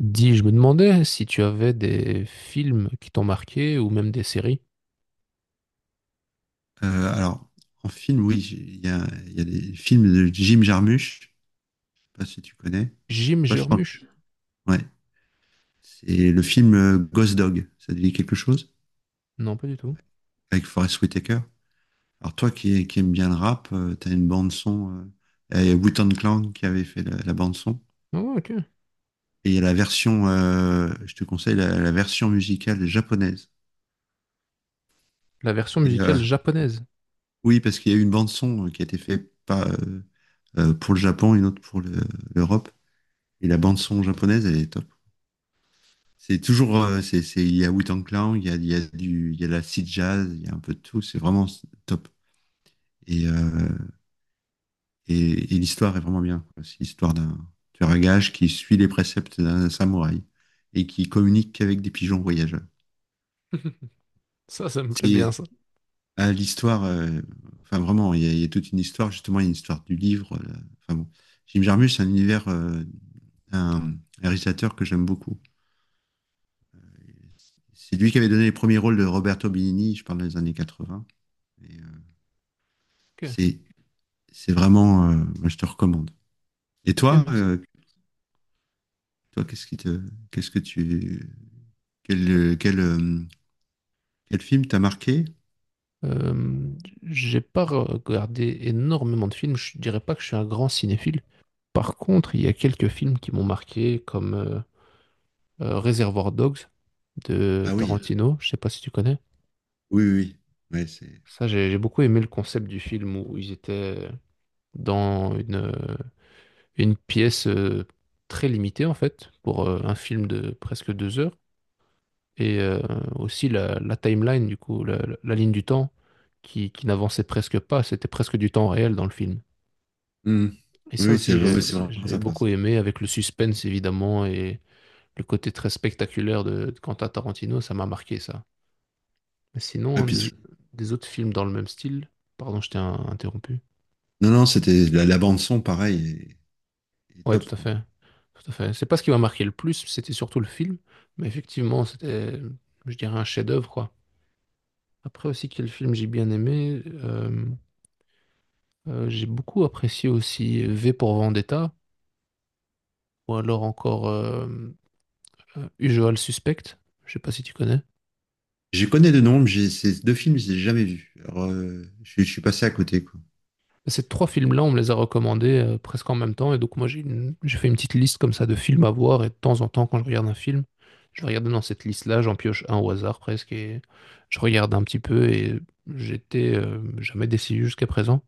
Dis, je me demandais si tu avais des films qui t'ont marqué ou même des séries. Euh, alors, En film, oui, il y a des films de Jim Jarmusch, je sais pas si tu connais. Jim Toi, je pense. Jarmusch? Ouais. C'est le film Ghost Dog, ça te dit quelque chose? Non, pas du tout. Avec Forest Whitaker. Alors toi qui aimes bien le rap, t'as une bande son. Il y a Wu-Tang Clan qui avait fait la bande son. Oh, ok. Et il y a la version, je te conseille la version musicale japonaise. La version Et musicale japonaise. oui, parce qu'il y a eu une bande son qui a été faite pas pour le Japon, une autre pour l'Europe. Et la bande son japonaise, elle est top. C'est toujours, c'est- Il y a Wu-Tang Clan, il y a de la seed jazz, il y a un peu de tout. C'est vraiment top. Et, euh, et l'histoire est vraiment bien. C'est l'histoire d'un tueur à gages qui suit les préceptes d'un samouraï et qui communique qu'avec des pigeons voyageurs. Ça me plaît C'est bien, ça. ah, l'histoire, euh, enfin vraiment, il y a toute une histoire. Justement, il y a une histoire du livre. Enfin bon, Jim Jarmusch, c'est un univers, un réalisateur que j'aime beaucoup. C'est lui qui avait donné les premiers rôles de Roberto Benigni, je parle des années 80. Et, euh, Ok, c'est Moi, je te recommande. Et ok, toi, merci. Qu'est-ce qui te, qu'est-ce que tu, quel, euh, quel, euh, quel film t'a marqué? Euh, j'ai pas regardé énormément de films. Je dirais pas que je suis un grand cinéphile. Par contre, il y a quelques films qui m'ont marqué, comme Reservoir Dogs de Ah oui, Tarantino. Je sais pas si tu connais. oui, oui, oui. ouais, c'est, Ça, j'ai beaucoup aimé le concept du film où ils étaient dans une pièce très limitée en fait pour un film de presque deux heures et aussi la timeline du coup la ligne du temps qui n'avançait presque pas, c'était presque du temps réel dans le film Hmm. et Oui, ça oui, aussi ouais, c'est vraiment j'ai sympa. beaucoup Ça. aimé, avec le suspense évidemment, et le côté très spectaculaire de Quentin Tarantino, ça m'a marqué ça. Mais sinon Ouais, hein, des autres films dans le même style, pardon je t'ai interrompu. non, non, c'était la bande son, pareil, est Ouais, top tout à quoi. fait. Tout à fait. C'est pas ce qui m'a marqué le plus, c'était surtout le film. Mais effectivement, c'était, je dirais, un chef-d'œuvre, quoi. Après aussi, quel film j'ai bien aimé. J'ai beaucoup apprécié aussi V pour Vendetta, ou alors encore Usual Suspect. Je sais pas si tu connais. Je connais de nom, mais j'ai ces deux films, je les ai jamais vus. Alors, je suis passé à côté quoi. Ces trois films-là, on me les a recommandés presque en même temps. Et donc, moi, j'ai fait une petite liste comme ça de films à voir. Et de temps en temps, quand je regarde un film, je vais regarder dans cette liste-là, j'en pioche un au hasard presque. Et je regarde un petit peu. Et j'étais jamais déçu jusqu'à présent.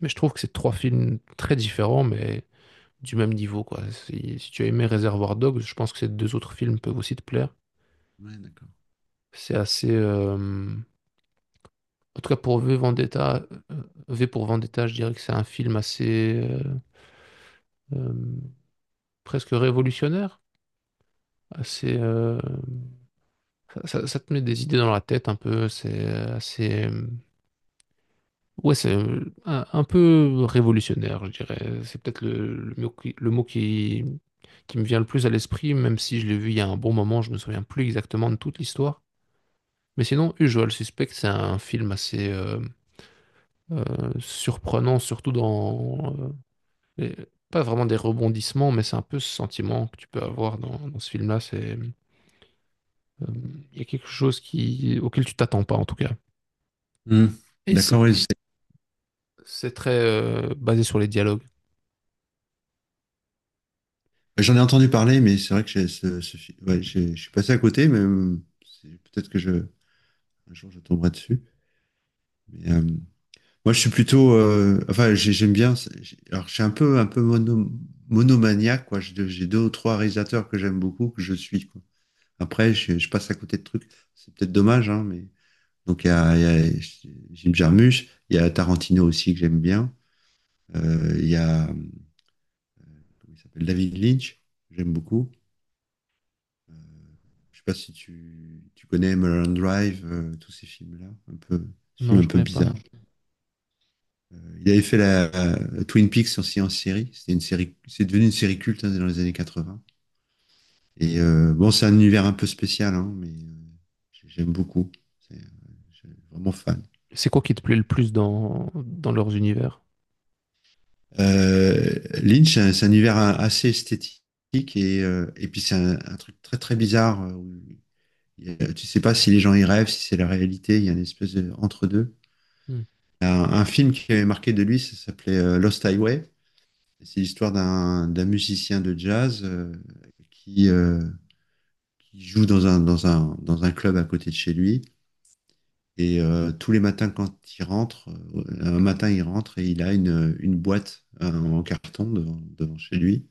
Mais je trouve que c'est trois films très différents, mais du même niveau, quoi. Si tu as aimé Reservoir Dogs, je pense que ces deux autres films peuvent aussi te plaire. Ouais, d'accord. C'est assez. En tout cas, pour V Vendetta, euh, V pour Vendetta, je dirais que c'est un film assez. Euh, presque révolutionnaire. Assez, ça, ça te met des idées dans la tête un peu. C'est assez. Ouais, c'est un peu révolutionnaire, je dirais. C'est peut-être le mot qui me vient le plus à l'esprit, même si je l'ai vu il y a un bon moment, je me souviens plus exactement de toute l'histoire. Mais sinon, Usual Suspect, c'est un film assez euh, surprenant, surtout dans... les- pas vraiment des rebondissements, mais c'est un peu ce sentiment que tu peux avoir dans, dans ce film-là. C'est Euh, il y a quelque chose qui, auquel tu t'attends pas, en tout cas. Hmm. Et D'accord, c'est oui. C'est très basé sur les dialogues. J'en ai entendu parler, mais c'est vrai que j'ai je suis passé à côté, mais c'est- peut-être que je Un jour, je tomberai dessus. Mais, moi, je suis j'aime bien. Alors, je suis un peu monomaniaque, quoi. J'ai deux ou trois réalisateurs que j'aime beaucoup, que je suis, quoi. Après, je passe à côté de trucs. C'est peut-être dommage, hein, mais. Donc, il y a Jim Jarmusch, il y a Tarantino aussi que j'aime bien. Il y a. Comment il s'appelle? David Lynch, que j'aime beaucoup. Euh, je sais pas si tu connais Mulholland Drive, tous ces films-là. Non, Films un je peu connais pas. bizarres. Euh, Il avait fait la Twin Peaks aussi en série. C'était une série, c'est devenu une série culte hein, dans les années 80. Et bon, c'est un univers un peu spécial, hein, mais j'aime beaucoup. C'est, euh, je suis vraiment fan. C'est quoi qui te plaît le plus dans, dans leurs univers? Euh, Lynch, c'est un univers assez esthétique et et puis c'est un truc très très bizarre. Où il y a- Tu sais pas si les gens y rêvent, si c'est la réalité. Il y a une espèce de entre deux. Hmm. Un, un film qui avait marqué de lui, ça s'appelait Lost Highway. C'est l'histoire d'un musicien de jazz qui, euh, qui joue dans un club à côté de chez lui. Et tous les matins, quand il rentre, Un matin, il rentre et il a une boîte en carton devant chez lui.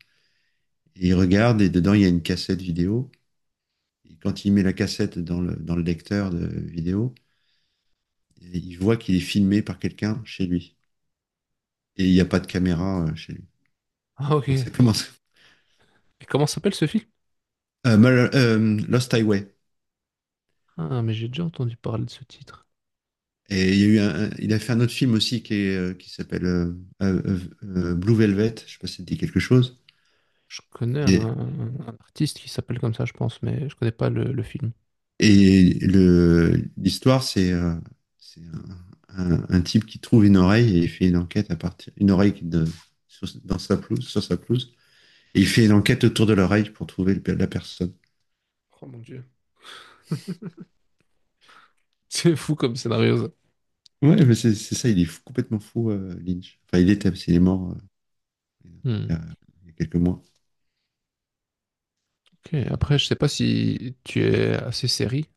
Et il regarde et dedans, il y a une cassette vidéo. Et quand il met la cassette dans le lecteur de vidéo, il voit qu'il est filmé par quelqu'un chez lui. Et il n'y a pas de caméra chez lui. Ah, ok. Donc ça Et commence. comment s'appelle ce film? Lost Highway. Ah, mais j'ai déjà entendu parler de ce titre. Il a fait un autre film aussi qui s'appelle Blue Velvet. Je sais pas si ça te dit quelque chose. Je connais Et, un artiste qui s'appelle comme ça, je pense, mais je connais pas le, le film. L'histoire, c'est un type qui trouve une oreille et il fait une enquête à partir une oreille qui de, sur, dans sa pelouse, sur sa pelouse. Et il fait une enquête autour de l'oreille pour trouver la personne. Oh mon Dieu. C'est fou comme scénario, ça. Ouais, mais c'est ça. Il est complètement fou, Lynch. Enfin, il était, parce qu'il est mort il y Hmm. a il y a quelques mois. Ok, après, je sais pas si tu es assez série.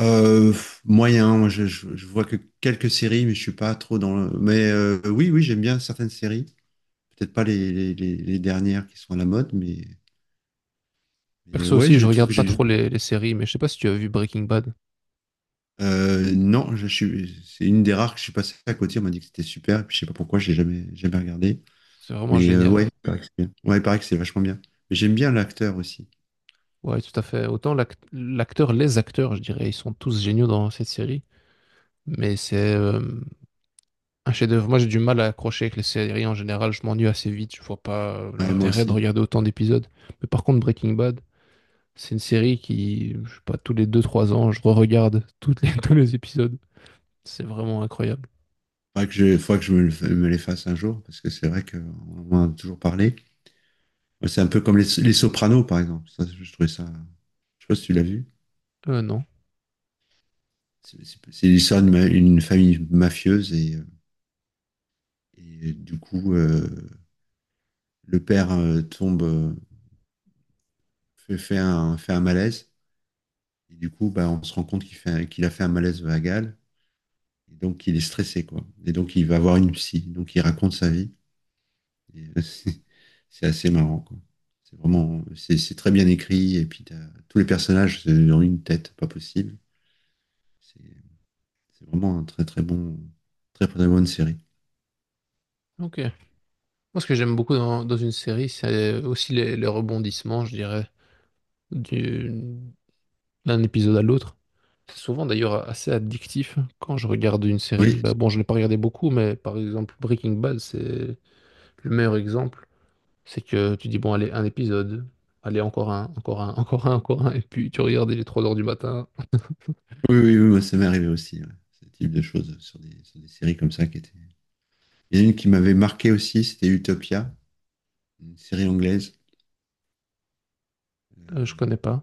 Euh, Moyen, moi je vois que quelques séries, mais je suis pas trop dans le... Mais oui, oui, j'aime bien certaines séries. Peut-être pas les dernières qui sont à la mode, mais Perso ouais, aussi, j'ai je des trucs regarde que pas j'aime bien. trop les séries, mais je sais pas si tu as vu Breaking Bad. Non, c'est une des rares que je suis passé à côté. On m'a dit que c'était super, et puis je sais pas pourquoi, j'ai jamais, jamais regardé. C'est vraiment Mais ouais, génial. il paraît que c'est bien. Ouais, il paraît que c'est vachement bien. Mais j'aime bien l'acteur aussi. Ouais, tout à fait. Autant l'acteur, les acteurs, je dirais, ils sont tous géniaux dans cette série. Mais c'est un chef-d'œuvre. Moi, j'ai du mal à accrocher avec les séries en général. Je m'ennuie assez vite. Je vois pas Ouais, moi l'intérêt de aussi. regarder autant d'épisodes. Mais par contre, Breaking Bad, c'est une série qui, je sais pas, tous les deux trois ans, je re-regarde toutes les, tous les épisodes. C'est vraiment incroyable. Faudrait que je me les fasse un jour, parce que c'est vrai qu'on en a toujours parlé. Ouais, c'est un peu comme les Sopranos, par exemple. Ça, je trouvais ça. Je sais pas si tu l'as vu. Non. C'est l'histoire une famille mafieuse et du coup, le père tombe, fait un malaise. Et du coup, bah, on se rend compte qu'il a fait un malaise vagal. Et donc, il est stressé, quoi. Et donc, il va voir une psy. Donc, il raconte sa vie. Et, c'est assez marrant, quoi. C'est vraiment, c'est très bien écrit. Et puis, tous les personnages ont une tête, pas possible. C'est C'est vraiment un très très bon, très très bonne série. Ok. Moi, ce que j'aime beaucoup dans, dans une série, c'est aussi les rebondissements, je dirais. Du- d'un épisode à l'autre. C'est souvent d'ailleurs assez addictif quand je regarde une série. Oui, Bah bon, je l'ai pas regardé beaucoup, mais par exemple Breaking Bad, c'est le meilleur exemple. C'est que tu dis, bon, allez, un épisode, allez, encore un, encore un, et puis tu regardes, il est 3 heures du matin. oui, oui, oui, moi, ça m'est arrivé aussi, ouais. Ce type de choses sur sur des séries comme ça qui étaient. Il y en a une qui m'avait marqué aussi, c'était Utopia, une série anglaise. Je Euh, connais pas.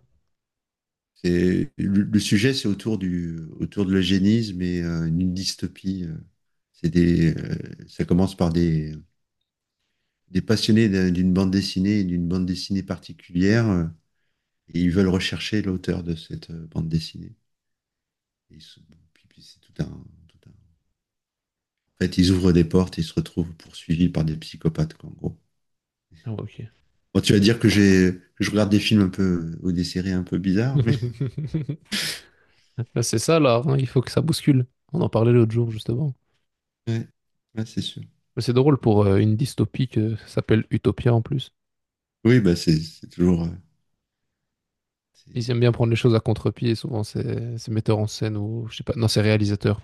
le sujet, c'est autour de l'eugénisme et une dystopie. C'est des, euh, Ça commence par des passionnés d'une bande dessinée et d'une bande dessinée particulière, et ils veulent rechercher l'auteur de cette bande dessinée. Et ils se- bon, puis- puis c'est tout un En fait, ils ouvrent des portes et ils se retrouvent poursuivis par des psychopathes, quoi, en gros. Ah ouais, ok. Bon, tu vas dire que je regarde des films ou des séries un peu bizarres, mais Bah, c'est ça là, hein, il faut que ça bouscule. On en parlait l'autre jour justement. ouais, ouais, c'est sûr. Mais c'est drôle pour une dystopie que ça s'appelle Utopia en plus. Oui, bah, c'est toujours, c'est- Ils aiment bien prendre les choses à contre-pied, souvent c'est metteur en scène ou je sais pas, non, c'est réalisateur.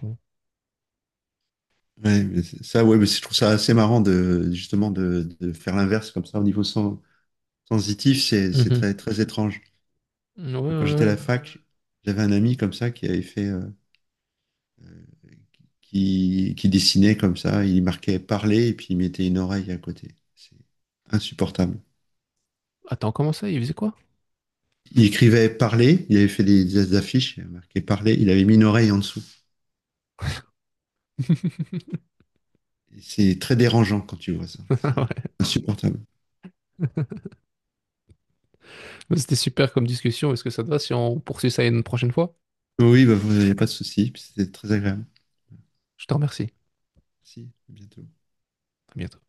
ouais, mais c'est- ça, ouais, mais c'est- je trouve ça assez marrant de, justement, de faire l'inverse comme ça au niveau sensitif, c'est Mmh. très, très étrange. Ouais, Quand ouais, j'étais à ouais. la fac, j'avais un ami comme ça qui avait fait, qui dessinait comme ça, il marquait parler et puis il mettait une oreille à côté. C'est insupportable. Attends, comment ça? Il faisait quoi? Il écrivait parler, il avait fait des affiches, il avait marqué parler, il avait mis une oreille en dessous. Et c'est très dérangeant quand tu vois ça. C'est insupportable. Ouais. C'était super comme discussion. Est-ce que ça te va si on poursuit ça une prochaine fois? Oui, il bah, vous a pas de souci, puis c'était très agréable. Je te remercie. Merci. À bientôt. À bientôt.